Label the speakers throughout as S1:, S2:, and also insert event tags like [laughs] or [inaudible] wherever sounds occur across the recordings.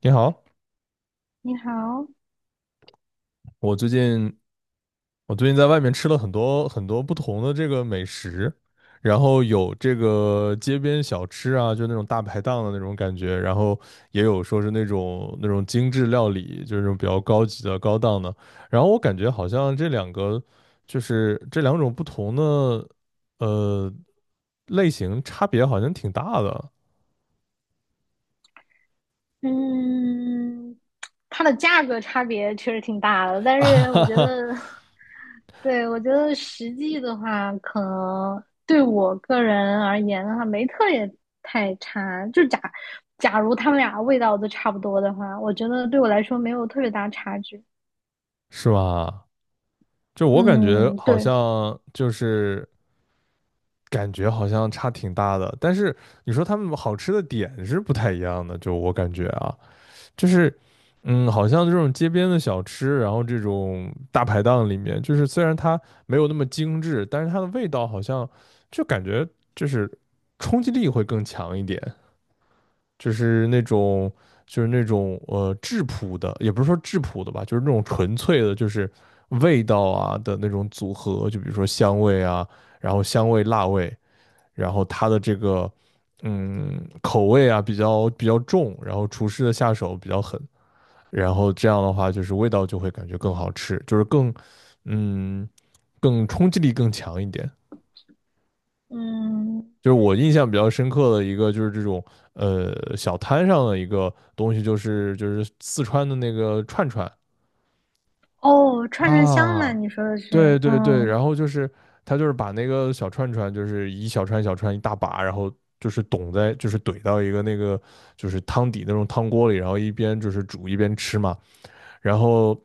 S1: 你好，
S2: 你好。
S1: 我最近我最近在外面吃了很多很多不同的这个美食，然后有这个街边小吃啊，就那种大排档的那种感觉，然后也有说是那种精致料理，就是那种比较高级的高档的。然后我感觉好像这两个就是这两种不同的呃类型差别好像挺大的，
S2: 嗯，它的价格差别确实挺大的，但是我觉得，
S1: [laughs]
S2: [laughs] 对，我觉得实际的话，可能对我个人而言的话，没特别太差。就假如他们俩味道都差不多的话，我觉得对我来说没有特别大差距。
S1: 是吧？就我感觉
S2: 嗯，
S1: 好
S2: 对。
S1: 像就是。感觉好像差挺大的，但是你说他们好吃的点是不太一样的，就我感觉啊，就是，好像这种街边的小吃，然后这种大排档里面，就是虽然它没有那么精致，但是它的味道好像就感觉就是冲击力会更强一点，就是那种就是那种质朴的，也不是说质朴的吧，就是那种纯粹的，就是味道啊的那种组合，就比如说香味啊，然后香味辣味。然后它的这个口味啊比较重，然后厨师的下手比较狠，然后这样的话就是味道就会感觉更好吃，就是更嗯更冲击力更强一点。
S2: 嗯，
S1: 就是我印象比较深刻的一个，就是这种小摊上的一个东西，就是四川的那个串串
S2: 哦，串串香嘛，
S1: 啊，
S2: 你说的是。
S1: 对对对，
S2: 嗯。
S1: 然后就是他就是把那个小串串，就是一小串小串一大把，然后就是懂在就是怼到一个那个就是汤底那种汤锅里，然后一边就是煮一边吃嘛。然后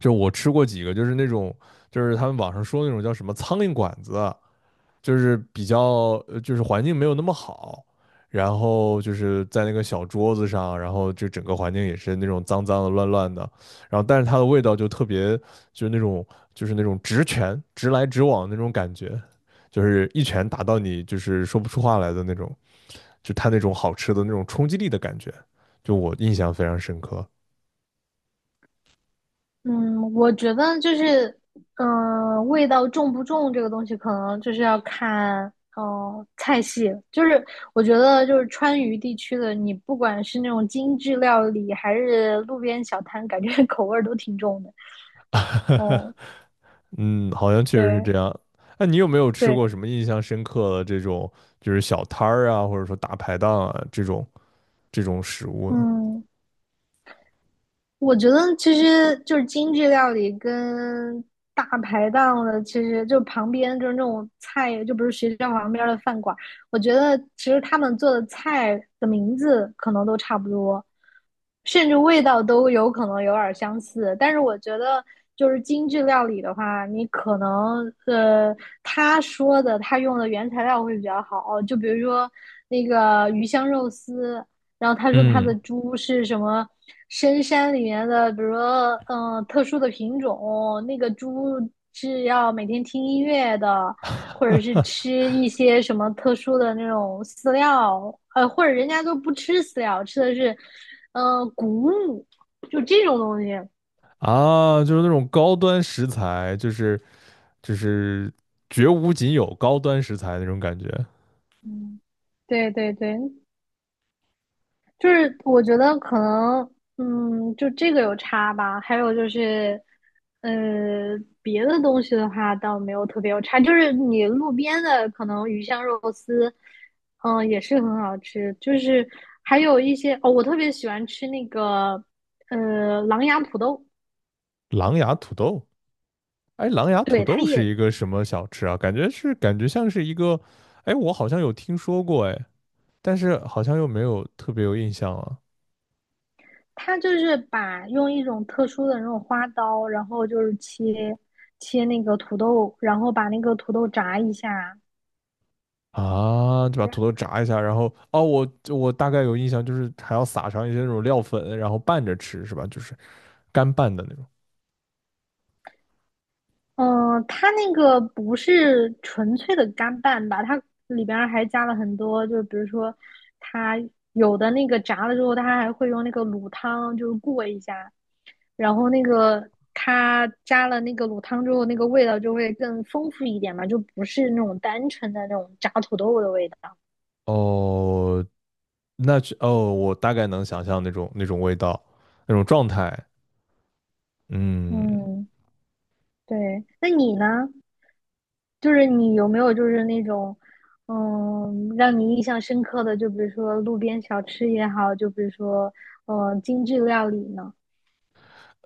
S1: 就我吃过几个，就是那种就是他们网上说那种叫什么苍蝇馆子，就是比较就是环境没有那么好，然后就是在那个小桌子上，然后就整个环境也是那种脏脏的、乱乱的，然后但是它的味道就特别就是那种就是那种直拳直来直往那种感觉，就是一拳打到你就是说不出话来的那种，就它那种好吃的那种冲击力的感觉，就我印象非常深刻
S2: 嗯，我觉得就是，嗯、味道重不重这个东西，可能就是要看，菜系。就是我觉得，就是川渝地区的，你不管是那种精致料理，还是路边小摊，感觉 [laughs] 口味儿都挺重的。
S1: [laughs]。
S2: 哦，
S1: 嗯，好像确实是
S2: 对
S1: 这样。那你有没有吃
S2: 对。
S1: 过什么印象深刻的这种，就是小摊儿啊，或者说大排档啊这种食物呢？
S2: 嗯，我觉得其实就是精致料理跟大排档的，其实就旁边就是那种菜，就不是学校旁边的饭馆。我觉得其实他们做的菜的名字可能都差不多，甚至味道都有可能有点相似。但是我觉得就是精致料理的话，你可能他说的他用的原材料会比较好，就比如说那个鱼香肉丝。然后他说他的
S1: 嗯
S2: 猪是什么深山里面的，比如说嗯、特殊的品种，那个猪是要每天听音乐的，或者是吃一些什么特殊的那种饲料，呃，或者人家都不吃饲料，吃的是嗯、谷物，就这种东西。
S1: 啊，就是那种高端食材，就是绝无仅有高端食材那种感觉。
S2: 嗯，对对对，就是我觉得可能，嗯，就这个有差吧。还有就是，呃，别的东西的话倒没有特别有差，就是你路边的可能鱼香肉丝，嗯，也是很好吃。就是还有一些哦，我特别喜欢吃那个，呃，狼牙土豆。
S1: 狼牙土豆，哎，狼牙土
S2: 对，
S1: 豆是一个什么小吃啊？感觉是感觉像是一个，哎，我好像有听说过，哎，但是好像又没有特别有印象了。
S2: 它就是把用一种特殊的那种花刀，然后就是切那个土豆，然后把那个土豆炸一下。
S1: 啊，就把土豆炸一下，然后哦，我大概有印象，就是还要撒上一些那种料粉，然后拌着吃，是吧？就是干拌的那种。
S2: 嗯，它那个不是纯粹的干拌吧？它里边儿还加了很多，就是比如说，它有的那个炸了之后，它还会用那个卤汤就是过一下，然后那个它加了那个卤汤之后，那个味道就会更丰富一点嘛，就不是那种单纯的那种炸土豆的味道。
S1: 哦，那是哦，我大概能想象那种味道，那种状态。嗯，
S2: 嗯，对。那你呢？就是你有没有就是那种，嗯，让你印象深刻的，就比如说路边小吃也好，就比如说，嗯，精致料理呢？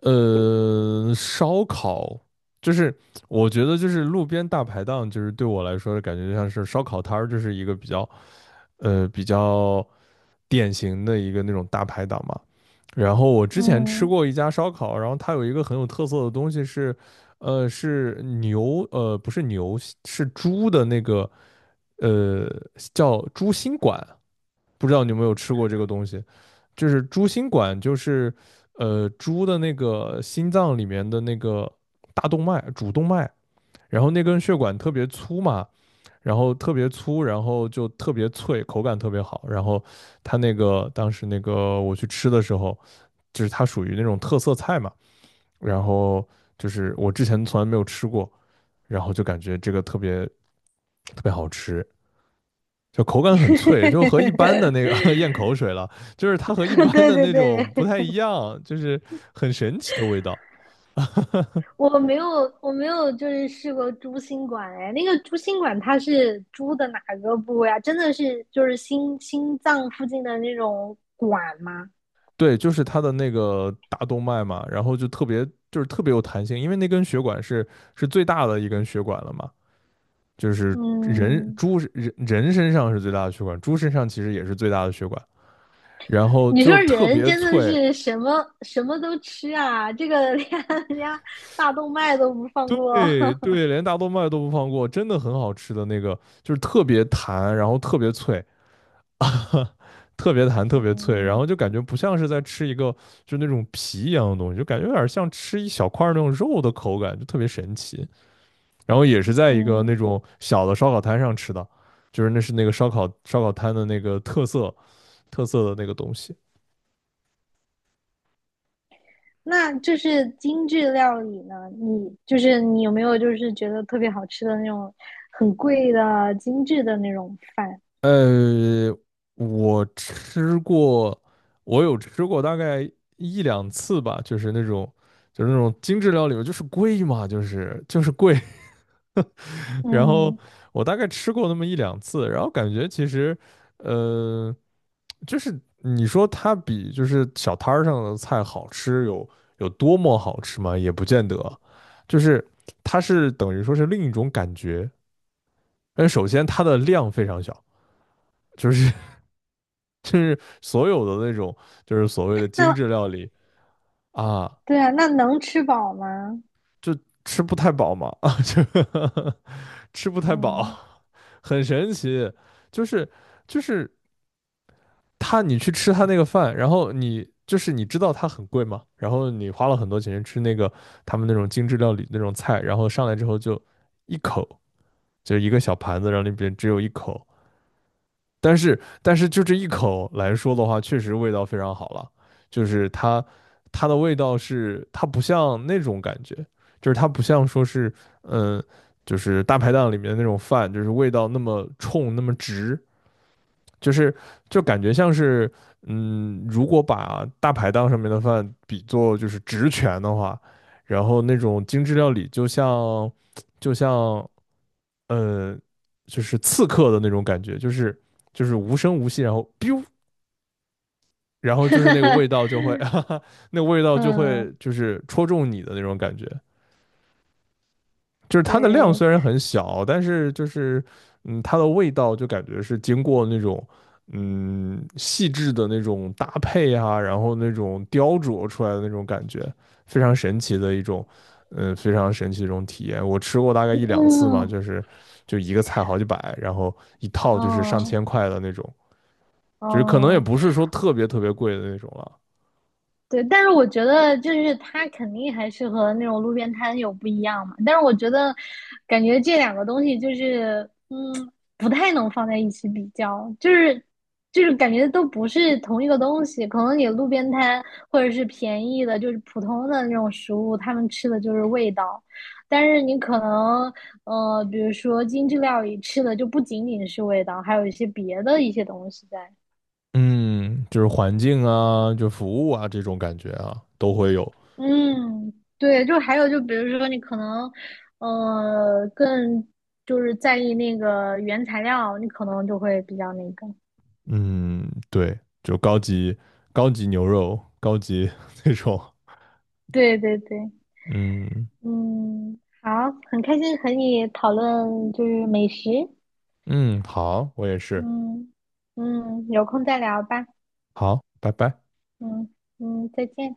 S1: 烧烤就是我觉得就是路边大排档，就是对我来说感觉就像是烧烤摊儿，就是一个比较典型的一个那种大排档嘛。然后我之前吃
S2: 嗯，
S1: 过一家烧烤，然后它有一个很有特色的东西是，是牛，不是牛，是猪的那个，呃，叫猪心管。不知道你有没有吃过这个东西，就是猪心管，就是猪的那个心脏里面的那个大动脉主动脉，然后那根血管特别粗嘛，然后特别粗，然后就特别脆，口感特别好。然后它那个当时那个我去吃的时候，就是它属于那种特色菜嘛，然后就是我之前从来没有吃过，然后就感觉这个特别特别好吃，就口感
S2: [laughs]
S1: 很脆，就和一般的那个 [laughs] 咽口水了，就是它和一般
S2: 对
S1: 的
S2: 对
S1: 那
S2: 对。
S1: 种不太一样，就是很神奇的味道。
S2: [laughs] 我没有我没有就是试过猪心管，哎，那个猪心管它是猪的哪个部位啊？真的是就是心脏附近的那种管吗？
S1: 对，就是它的那个大动脉嘛，然后就特别就是特别有弹性，因为那根血管是最大的一根血管了嘛，就是人
S2: 嗯。
S1: 猪人人身上是最大的血管，猪身上其实也是最大的血管，然后
S2: 你
S1: 就
S2: 说
S1: 特
S2: 人
S1: 别
S2: 真的
S1: 脆。
S2: 是什么什么都吃啊，这个 [laughs] 连人家大动脉都不放过。
S1: 对
S2: [laughs]
S1: 对，连大动脉都不放过，真的很好吃的那个，就是特别弹，然后特别脆，[laughs] 特别弹，特别脆，然
S2: 嗯。
S1: 后就感觉不像是在吃一个就那种皮一样的东西，就感觉有点像吃一小块那种肉的口感，就特别神奇。然后也是在一个那
S2: 嗯，
S1: 种小的烧烤摊上吃的，就是那是那个烧烤摊的那个特色的那个东西。
S2: 那就是精致料理呢？你就是你有没有就是觉得特别好吃的那种很贵的精致的那种饭？
S1: 呃，我吃过，我有吃过大概一两次吧，就是那种精致料理，就是贵嘛，就是贵，然后
S2: 嗯。
S1: 我大概吃过那么一两次，然后感觉其实，呃，就是你说它比就是小摊儿上的菜好吃有多么好吃吗？也不见得，就是它是等于说是另一种感觉。但首先它的量非常小，就是 [laughs] 就是所有的那种就是所谓的精致
S2: 那
S1: 料理啊，
S2: 对啊，那能吃饱吗？
S1: 就吃不太饱嘛，[laughs] 啊，就 [laughs] 吃不太饱，
S2: 嗯，
S1: 很神奇，就是就是。他你去吃他那个饭，然后你就是你知道它很贵嘛，然后你花了很多钱吃那个他们那种精致料理那种菜，然后上来之后就一口，就一个小盘子，然后里边只有一口，但是就这一口来说的话，确实味道非常好了，就是它的味道是它不像那种感觉，就是它不像说是嗯。就是大排档里面的那种饭，就是味道那么冲那么直，就是就感觉像是，如果把大排档上面的饭比作就是职权的话，然后那种精致料理就像呃，就是刺客的那种感觉，就是无声无息，然后 biu，然后就是那个味道就会，[laughs] 哈
S2: [laughs]
S1: 哈，那个味道就
S2: 嗯，
S1: 会就是戳中你的那种感觉。就是它的量
S2: 对，
S1: 虽然很小，但是就是它的味道就感觉是经过那种细致的那种搭配啊，然后那种雕琢出来的那种感觉，非常神奇的一种非常神奇的一种体验。我吃过大概一两次嘛，
S2: 嗯，
S1: 就是就一个菜好几百，然后一套就是上
S2: 嗯，
S1: 千块的那种，就是可能也
S2: 嗯。
S1: 不是说特别特别贵的那种了。
S2: 对，但是我觉得就是它肯定还是和那种路边摊有不一样嘛。但是我觉得，感觉这两个东西就是，嗯，不太能放在一起比较，就是感觉都不是同一个东西。可能你路边摊或者是便宜的，就是普通的那种食物，他们吃的就是味道，但是你可能比如说精致料理吃的就不仅仅是味道，还有一些别的一些东西在。
S1: 嗯，就是环境啊，就服务啊这种感觉啊，都会有。
S2: 嗯，对，就还有就比如说你可能，更就是在意那个原材料，你可能就会比较那个。
S1: 嗯，对，就高级牛肉，高级 [laughs] 那种。
S2: 对对对。
S1: 嗯
S2: 嗯，好，很开心和你讨论就是美食。
S1: 嗯，好，我也是。
S2: 嗯嗯，有空再聊吧。
S1: 好，拜拜。
S2: 嗯嗯，再见。